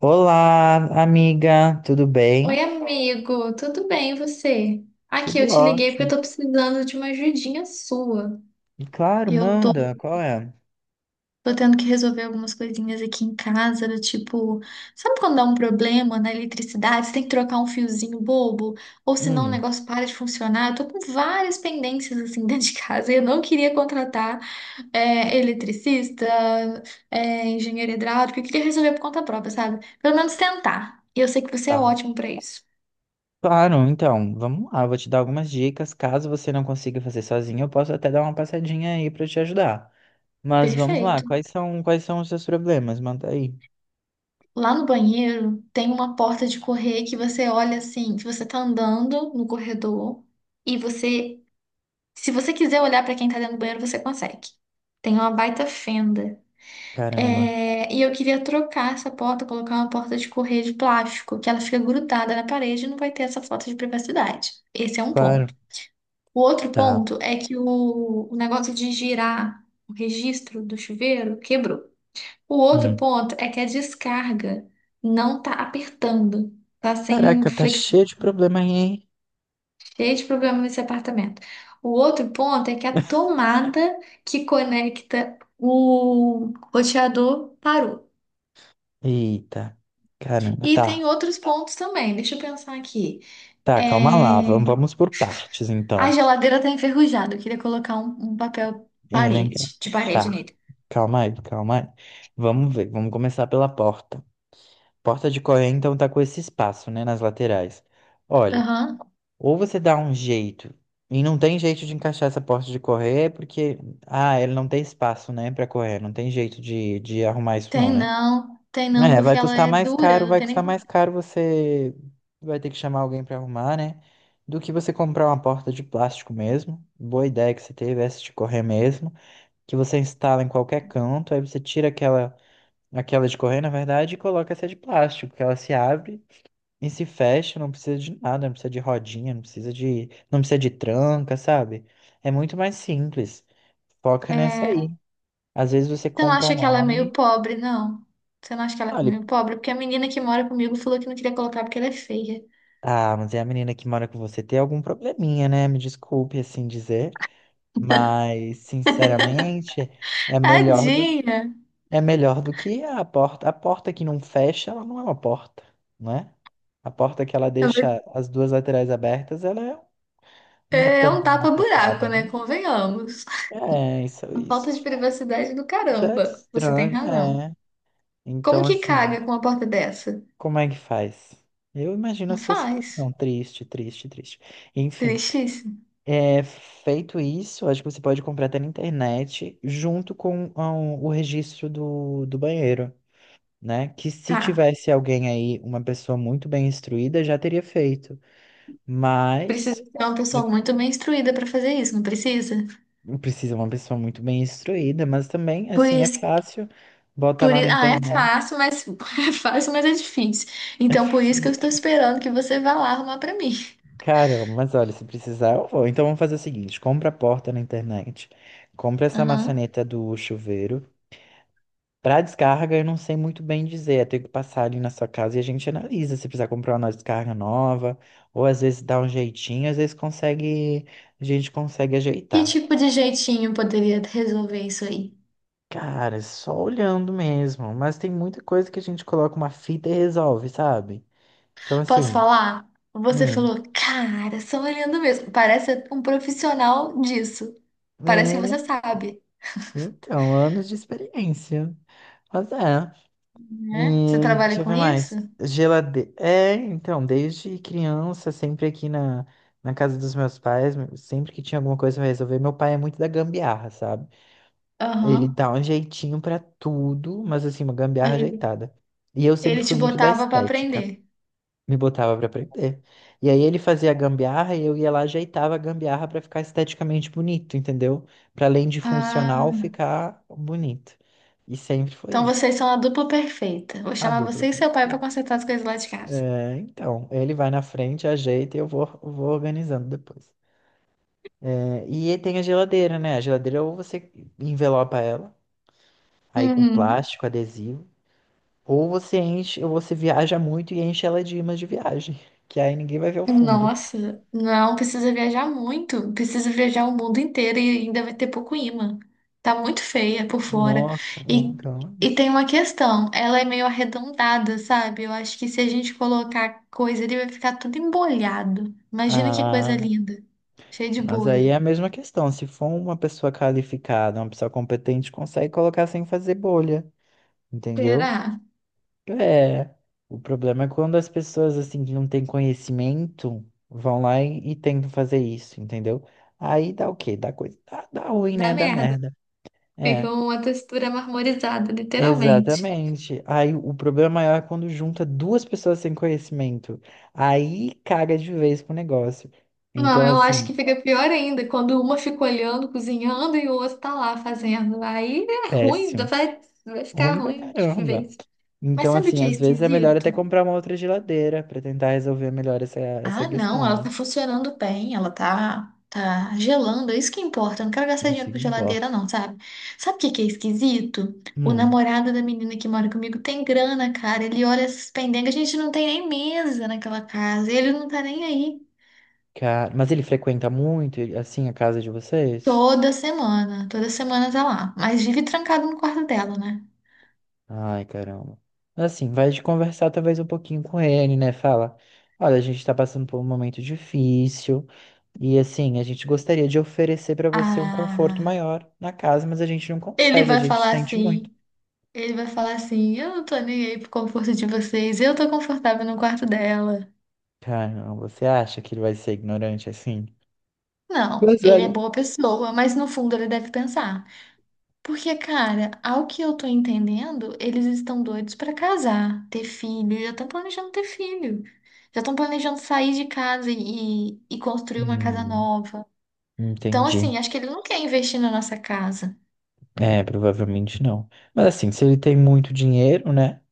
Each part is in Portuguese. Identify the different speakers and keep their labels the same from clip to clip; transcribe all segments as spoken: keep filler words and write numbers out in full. Speaker 1: Olá, amiga, tudo bem?
Speaker 2: Oi, amigo, tudo bem e você? Aqui, eu
Speaker 1: Tudo
Speaker 2: te liguei porque eu
Speaker 1: ótimo.
Speaker 2: tô precisando de uma ajudinha sua.
Speaker 1: Claro,
Speaker 2: Eu tô,
Speaker 1: manda, qual é?
Speaker 2: tô tendo que resolver algumas coisinhas aqui em casa, do tipo, sabe quando dá um problema na eletricidade, você tem que trocar um fiozinho bobo, ou senão o
Speaker 1: Hum,
Speaker 2: negócio para de funcionar? Eu tô com várias pendências assim dentro de casa e eu não queria contratar é, eletricista, é, engenheiro hidráulico, eu queria resolver por conta própria, sabe? Pelo menos tentar. E eu sei que você é
Speaker 1: tá.
Speaker 2: ótimo pra isso.
Speaker 1: Claro, então, vamos lá, vou te dar algumas dicas. Caso você não consiga fazer sozinho, eu posso até dar uma passadinha aí pra te ajudar. Mas vamos lá,
Speaker 2: Perfeito.
Speaker 1: quais são, quais são os seus problemas? Manda aí.
Speaker 2: Lá no banheiro tem uma porta de correr que você olha assim, que você tá andando no corredor e você, se você quiser olhar pra quem tá dentro do banheiro, você consegue. Tem uma baita fenda.
Speaker 1: Caramba,
Speaker 2: É, e eu queria trocar essa porta, colocar uma porta de correr de plástico, que ela fica grudada na parede e não vai ter essa falta de privacidade. Esse é um
Speaker 1: claro,
Speaker 2: ponto. O outro
Speaker 1: tá.
Speaker 2: ponto é que o, o negócio de girar o registro do chuveiro quebrou. O outro
Speaker 1: Hum.
Speaker 2: ponto é que a descarga não tá apertando, tá sem
Speaker 1: Caraca, tá
Speaker 2: flex...
Speaker 1: cheio de problema aí, hein?
Speaker 2: cheio de problema nesse apartamento. O outro ponto é que a tomada que conecta o roteador parou.
Speaker 1: Eita, caramba,
Speaker 2: E tem
Speaker 1: tá.
Speaker 2: outros pontos também. Deixa eu pensar aqui.
Speaker 1: Tá, calma lá,
Speaker 2: É,
Speaker 1: vamos, vamos por partes,
Speaker 2: a
Speaker 1: então.
Speaker 2: geladeira tá enferrujada. Eu queria colocar um, um papel
Speaker 1: Elencar.
Speaker 2: parede, de parede
Speaker 1: Tá.
Speaker 2: nele.
Speaker 1: Calma aí, calma aí. Vamos ver, vamos começar pela porta. Porta de Coreia, então, tá com esse espaço, né, nas laterais. Olha,
Speaker 2: Aham.
Speaker 1: ou você dá um jeito, e não tem jeito de encaixar essa porta de Coreia, porque, ah, ela não tem espaço, né, pra correr, não tem jeito de, de arrumar isso
Speaker 2: Tem
Speaker 1: não, né?
Speaker 2: não, tem não,
Speaker 1: É, vai
Speaker 2: porque ela
Speaker 1: custar
Speaker 2: é
Speaker 1: mais
Speaker 2: dura,
Speaker 1: caro,
Speaker 2: não
Speaker 1: vai
Speaker 2: tem nem
Speaker 1: custar
Speaker 2: como.
Speaker 1: mais caro você vai ter que chamar alguém pra arrumar, né, do que você comprar uma porta de plástico mesmo. Boa ideia que você teve, essa de correr mesmo, que você instala em qualquer canto, aí você tira aquela aquela de correr, na verdade, e coloca essa de plástico, que ela se abre e se fecha, não precisa de nada, não precisa de rodinha, não precisa de, não precisa de tranca, sabe? É muito mais simples. Foca nessa
Speaker 2: É,
Speaker 1: aí. Às vezes você
Speaker 2: você não
Speaker 1: compra
Speaker 2: acha que ela é meio
Speaker 1: online.
Speaker 2: pobre, não? Você não acha que ela é
Speaker 1: Olha,
Speaker 2: meio pobre? Porque a menina que mora comigo falou que não queria colocar porque ela é feia.
Speaker 1: ah, mas é a menina que mora com você tem algum probleminha, né? Me desculpe assim dizer, mas sinceramente é melhor do
Speaker 2: Tadinha!
Speaker 1: É melhor do que a porta. A porta que não fecha, ela não é uma porta, né? A porta que ela deixa as duas laterais abertas, ela é uma
Speaker 2: É, é um
Speaker 1: tampa mal
Speaker 2: tapa-buraco,
Speaker 1: fechada,
Speaker 2: né?
Speaker 1: né?
Speaker 2: Convenhamos.
Speaker 1: É, isso,
Speaker 2: Uma
Speaker 1: isso
Speaker 2: falta de
Speaker 1: já,
Speaker 2: privacidade do
Speaker 1: já é
Speaker 2: caramba. Você tem
Speaker 1: estranho.
Speaker 2: razão.
Speaker 1: É.
Speaker 2: Como
Speaker 1: Então,
Speaker 2: que
Speaker 1: assim,
Speaker 2: caga com uma porta dessa?
Speaker 1: como é que faz? Eu imagino a
Speaker 2: Não
Speaker 1: sua
Speaker 2: faz.
Speaker 1: situação. Triste, triste, triste. Enfim,
Speaker 2: Tristíssimo.
Speaker 1: é, feito isso, acho que você pode comprar até na internet, junto com ah, o registro do, do banheiro. Né? Que se
Speaker 2: Tá.
Speaker 1: tivesse alguém aí, uma pessoa muito bem instruída, já teria feito.
Speaker 2: Precisa
Speaker 1: Mas
Speaker 2: ser uma
Speaker 1: é-
Speaker 2: pessoa muito bem instruída pra fazer isso, não precisa?
Speaker 1: precisa uma pessoa muito bem instruída, mas também,
Speaker 2: Por
Speaker 1: assim, é
Speaker 2: isso,
Speaker 1: fácil. Bota
Speaker 2: por
Speaker 1: lá na
Speaker 2: isso, ah, é
Speaker 1: internet.
Speaker 2: fácil, mas é fácil, mas é difícil.
Speaker 1: É
Speaker 2: Então, por isso que eu estou
Speaker 1: facilmente isso.
Speaker 2: esperando que você vá lá arrumar pra mim.
Speaker 1: Caramba, mas olha, se precisar, eu vou. Então vamos fazer o seguinte: compra a porta na internet, compra essa
Speaker 2: Aham.
Speaker 1: maçaneta do chuveiro. Pra descarga, eu não sei muito bem dizer. Eu tenho que passar ali na sua casa e a gente analisa se precisar comprar uma descarga nova, ou às vezes dá um jeitinho, às vezes consegue, a gente consegue
Speaker 2: Que
Speaker 1: ajeitar.
Speaker 2: tipo de jeitinho poderia resolver isso aí?
Speaker 1: Cara, é só olhando mesmo, mas tem muita coisa que a gente coloca uma fita e resolve, sabe? Então,
Speaker 2: Posso
Speaker 1: assim,
Speaker 2: falar? Você
Speaker 1: hum,
Speaker 2: falou, cara, só olhando mesmo. Parece um profissional disso. Parece que
Speaker 1: é,
Speaker 2: você sabe,
Speaker 1: então, anos de experiência. Mas é.
Speaker 2: né? Você
Speaker 1: E, deixa
Speaker 2: trabalha
Speaker 1: eu
Speaker 2: com
Speaker 1: ver
Speaker 2: isso?
Speaker 1: mais. Geladeira. É, então, desde criança, sempre aqui na, na casa dos meus pais, sempre que tinha alguma coisa pra resolver, meu pai é muito da gambiarra, sabe? Ele
Speaker 2: Aham.
Speaker 1: dá um jeitinho pra tudo, mas assim, uma gambiarra
Speaker 2: Ele
Speaker 1: ajeitada. E eu sempre
Speaker 2: ele te
Speaker 1: fui muito da
Speaker 2: botava pra
Speaker 1: estética,
Speaker 2: aprender.
Speaker 1: me botava pra aprender. E aí ele fazia a gambiarra e eu ia lá, ajeitava a gambiarra pra ficar esteticamente bonito, entendeu? Pra além de funcional,
Speaker 2: Ah,
Speaker 1: ficar bonito. E sempre foi
Speaker 2: então
Speaker 1: isso.
Speaker 2: vocês são a dupla perfeita. Vou
Speaker 1: A
Speaker 2: chamar você e
Speaker 1: dupla.
Speaker 2: seu pai pra consertar as coisas lá de casa.
Speaker 1: É, então, ele vai na frente, ajeita e eu vou, vou organizando depois. É, e aí tem a geladeira, né? A geladeira ou você envelopa ela, aí com
Speaker 2: Uhum.
Speaker 1: plástico, adesivo, ou você enche, ou você viaja muito e enche ela de imãs de viagem, que aí ninguém vai ver o fundo.
Speaker 2: Nossa, não precisa viajar muito, precisa viajar o mundo inteiro e ainda vai ter pouco imã. Tá muito feia por fora.
Speaker 1: Nossa,
Speaker 2: E,
Speaker 1: então é
Speaker 2: e
Speaker 1: isso.
Speaker 2: tem uma questão, ela é meio arredondada, sabe? Eu acho que se a gente colocar coisa ali, vai ficar tudo embolhado. Imagina que coisa
Speaker 1: Ah,
Speaker 2: linda, cheia de
Speaker 1: mas aí é
Speaker 2: bolha.
Speaker 1: a mesma questão. Se for uma pessoa qualificada, uma pessoa competente, consegue colocar sem fazer bolha, entendeu?
Speaker 2: Será?
Speaker 1: É, o problema é quando as pessoas assim que não têm conhecimento vão lá e, e tentam fazer isso, entendeu? Aí dá o quê? Dá coisa, dá, dá ruim,
Speaker 2: Dá
Speaker 1: né? Dá
Speaker 2: merda.
Speaker 1: merda.
Speaker 2: Fica
Speaker 1: É,
Speaker 2: uma textura marmorizada, literalmente.
Speaker 1: exatamente. Aí o problema maior é quando junta duas pessoas sem conhecimento. Aí caga de vez pro negócio. Então,
Speaker 2: Não, eu acho que
Speaker 1: assim,
Speaker 2: fica pior ainda quando uma fica olhando, cozinhando e o outro tá lá fazendo. Aí é ruim,
Speaker 1: péssimo.
Speaker 2: vai, vai ficar
Speaker 1: Ruim pra
Speaker 2: ruim de
Speaker 1: caramba.
Speaker 2: vez. Mas
Speaker 1: Então,
Speaker 2: sabe o
Speaker 1: assim,
Speaker 2: que é
Speaker 1: às vezes é melhor
Speaker 2: esquisito?
Speaker 1: até comprar uma outra geladeira pra tentar resolver melhor essa, essa
Speaker 2: Ah, não,
Speaker 1: questão,
Speaker 2: ela
Speaker 1: né?
Speaker 2: tá funcionando bem, ela tá, tá gelando, é isso que importa. Eu não quero gastar
Speaker 1: Isso
Speaker 2: dinheiro
Speaker 1: que
Speaker 2: com
Speaker 1: importa.
Speaker 2: geladeira, não, sabe? Sabe o que que é esquisito? O
Speaker 1: Hum.
Speaker 2: namorado da menina que mora comigo tem grana, cara. Ele olha essas pendengas, a gente não tem nem mesa naquela casa, ele não tá nem aí.
Speaker 1: Cara, mas ele frequenta muito, ele- assim, a casa de vocês?
Speaker 2: Toda semana, toda semana tá lá. Mas vive trancado no quarto dela, né?
Speaker 1: Ai, caramba. Mas, assim, vai de conversar talvez um pouquinho com ele, né? Fala, olha, a gente tá passando por um momento difícil e, assim, a gente gostaria de oferecer pra você um conforto
Speaker 2: Ah,
Speaker 1: maior na casa, mas a gente não
Speaker 2: ele
Speaker 1: consegue, a
Speaker 2: vai
Speaker 1: gente
Speaker 2: falar
Speaker 1: sente muito.
Speaker 2: assim. Ele vai falar assim: eu não tô nem aí pro conforto de vocês, eu tô confortável no quarto dela.
Speaker 1: Caramba, você acha que ele vai ser ignorante assim?
Speaker 2: Não,
Speaker 1: Mas,
Speaker 2: ele é
Speaker 1: velho,
Speaker 2: boa pessoa, mas no fundo ele deve pensar. Porque, cara, ao que eu tô entendendo, eles estão doidos pra casar, ter filho, já estão planejando ter filho. Já estão planejando sair de casa e, e construir uma casa
Speaker 1: hum,
Speaker 2: nova. Então,
Speaker 1: entendi.
Speaker 2: assim, acho que ele não quer investir na nossa casa.
Speaker 1: É, provavelmente não. Mas assim, se ele tem muito dinheiro, né?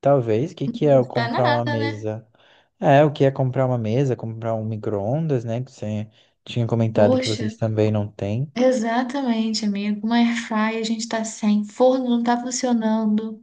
Speaker 1: Talvez, o que que é
Speaker 2: Não
Speaker 1: eu
Speaker 2: tá
Speaker 1: comprar uma
Speaker 2: nada, né?
Speaker 1: mesa? É, o que é comprar uma mesa, comprar um micro-ondas, né? Que você tinha comentado que vocês
Speaker 2: Poxa,
Speaker 1: também não têm.
Speaker 2: exatamente, amigo. Uma airfryer, a gente tá sem, forno não tá funcionando.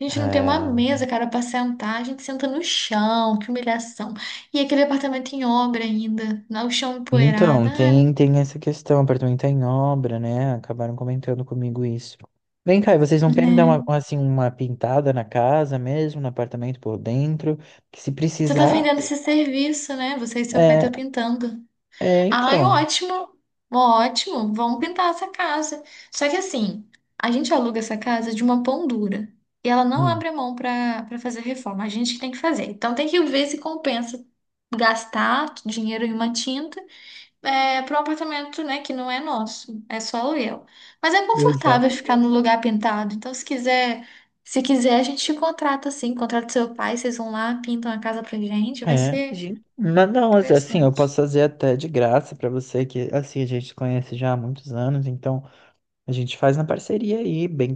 Speaker 2: A gente não tem uma
Speaker 1: É,
Speaker 2: mesa, cara, pra sentar. A gente senta no chão, que humilhação. E aquele apartamento em obra ainda, lá o chão
Speaker 1: então,
Speaker 2: empoeirado. Ah,
Speaker 1: tem, tem essa questão, o apartamento tá em obra, né? Acabaram comentando comigo isso. Vem cá, e vocês não querem dar
Speaker 2: né?
Speaker 1: uma, assim, uma pintada na casa mesmo, no apartamento por dentro? Que se
Speaker 2: Você tá
Speaker 1: precisar.
Speaker 2: vendendo esse serviço, né? Você e seu pai
Speaker 1: É,
Speaker 2: estão pintando.
Speaker 1: é
Speaker 2: Ai,
Speaker 1: então.
Speaker 2: ótimo, ótimo, vamos pintar essa casa. Só que assim, a gente aluga essa casa de uma pão dura e ela não
Speaker 1: Hum,
Speaker 2: abre a mão para para fazer reforma, a gente que tem que fazer. Então tem que ver se compensa gastar dinheiro em uma tinta, é, para um apartamento, né, que não é nosso, é só aluguel. Mas é confortável
Speaker 1: exato.
Speaker 2: ficar no lugar pintado, então se quiser, se quiser a gente te contrata assim, contrata seu pai, vocês vão lá, pintam a casa pra gente, vai
Speaker 1: É,
Speaker 2: ser
Speaker 1: gente, mas não, assim, eu
Speaker 2: interessante.
Speaker 1: posso fazer até de graça pra você, que assim, a gente se conhece já há muitos anos, então. A gente faz na parceria aí, bem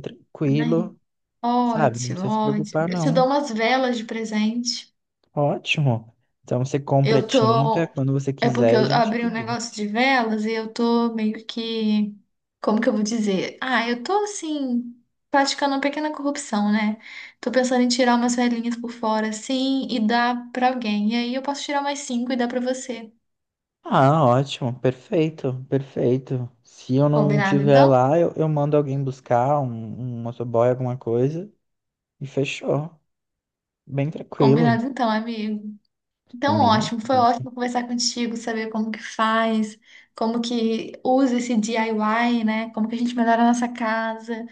Speaker 2: Impressionante.
Speaker 1: tranquilo, sabe? Não
Speaker 2: Ótimo,
Speaker 1: precisa se preocupar,
Speaker 2: ótimo. Eu te
Speaker 1: não.
Speaker 2: dou umas velas de presente.
Speaker 1: Ótimo. Então você compra a
Speaker 2: Eu
Speaker 1: tinta
Speaker 2: tô.
Speaker 1: quando você
Speaker 2: É porque
Speaker 1: quiser e
Speaker 2: eu
Speaker 1: a gente
Speaker 2: abri um
Speaker 1: combina.
Speaker 2: negócio de velas e eu tô meio que. Como que eu vou dizer? Ah, eu tô assim, praticando uma pequena corrupção, né? Tô pensando em tirar umas velhinhas por fora, assim, e dar pra alguém. E aí eu posso tirar mais cinco e dar pra você.
Speaker 1: Ah, ótimo, perfeito, perfeito. Se eu não
Speaker 2: Combinado
Speaker 1: tiver
Speaker 2: então?
Speaker 1: lá, eu, eu mando alguém buscar, um, um motoboy, alguma coisa, e fechou. Bem tranquilo.
Speaker 2: Combinado então, amigo. Então,
Speaker 1: Combina.
Speaker 2: ótimo, foi
Speaker 1: Isso.
Speaker 2: ótimo conversar contigo, saber como que faz, como que usa esse DIY, né? Como que a gente melhora a nossa casa.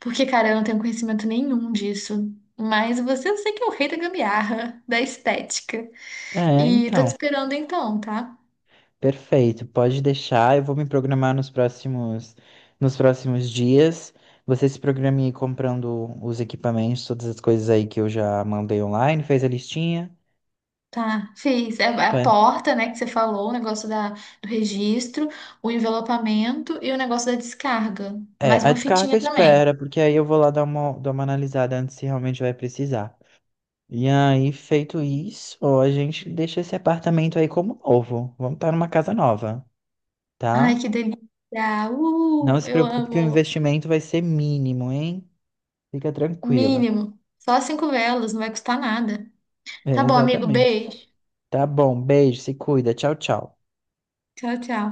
Speaker 2: Porque, cara, eu não tenho conhecimento nenhum disso. Mas você, eu sei que é o rei da gambiarra, da estética.
Speaker 1: É,
Speaker 2: E tô te
Speaker 1: então.
Speaker 2: esperando então, tá?
Speaker 1: Perfeito, pode deixar. Eu vou me programar nos próximos, nos próximos dias. Você se programe aí comprando os equipamentos, todas as coisas aí que eu já mandei online, fez a listinha.
Speaker 2: Tá, fiz. É a
Speaker 1: Faz-
Speaker 2: porta, né, que você falou, o negócio da, do registro, o envelopamento e o negócio da descarga.
Speaker 1: É,
Speaker 2: Mais
Speaker 1: a
Speaker 2: uma
Speaker 1: descarga
Speaker 2: fitinha também.
Speaker 1: espera, porque aí eu vou lá dar uma, dar uma analisada antes se realmente vai precisar. E aí, feito isso, ó, a gente deixa esse apartamento aí como novo. Vamos estar numa casa nova,
Speaker 2: Ai,
Speaker 1: tá?
Speaker 2: que delícia!
Speaker 1: Não
Speaker 2: Uh,
Speaker 1: se
Speaker 2: eu
Speaker 1: preocupe que o
Speaker 2: amo!
Speaker 1: investimento vai ser mínimo, hein? Fica tranquila.
Speaker 2: Mínimo. Só cinco velas, não vai custar nada.
Speaker 1: É,
Speaker 2: Tá bom, amigo.
Speaker 1: exatamente.
Speaker 2: Beijo.
Speaker 1: Tá bom, beijo, se cuida. Tchau, tchau.
Speaker 2: Tchau, tchau.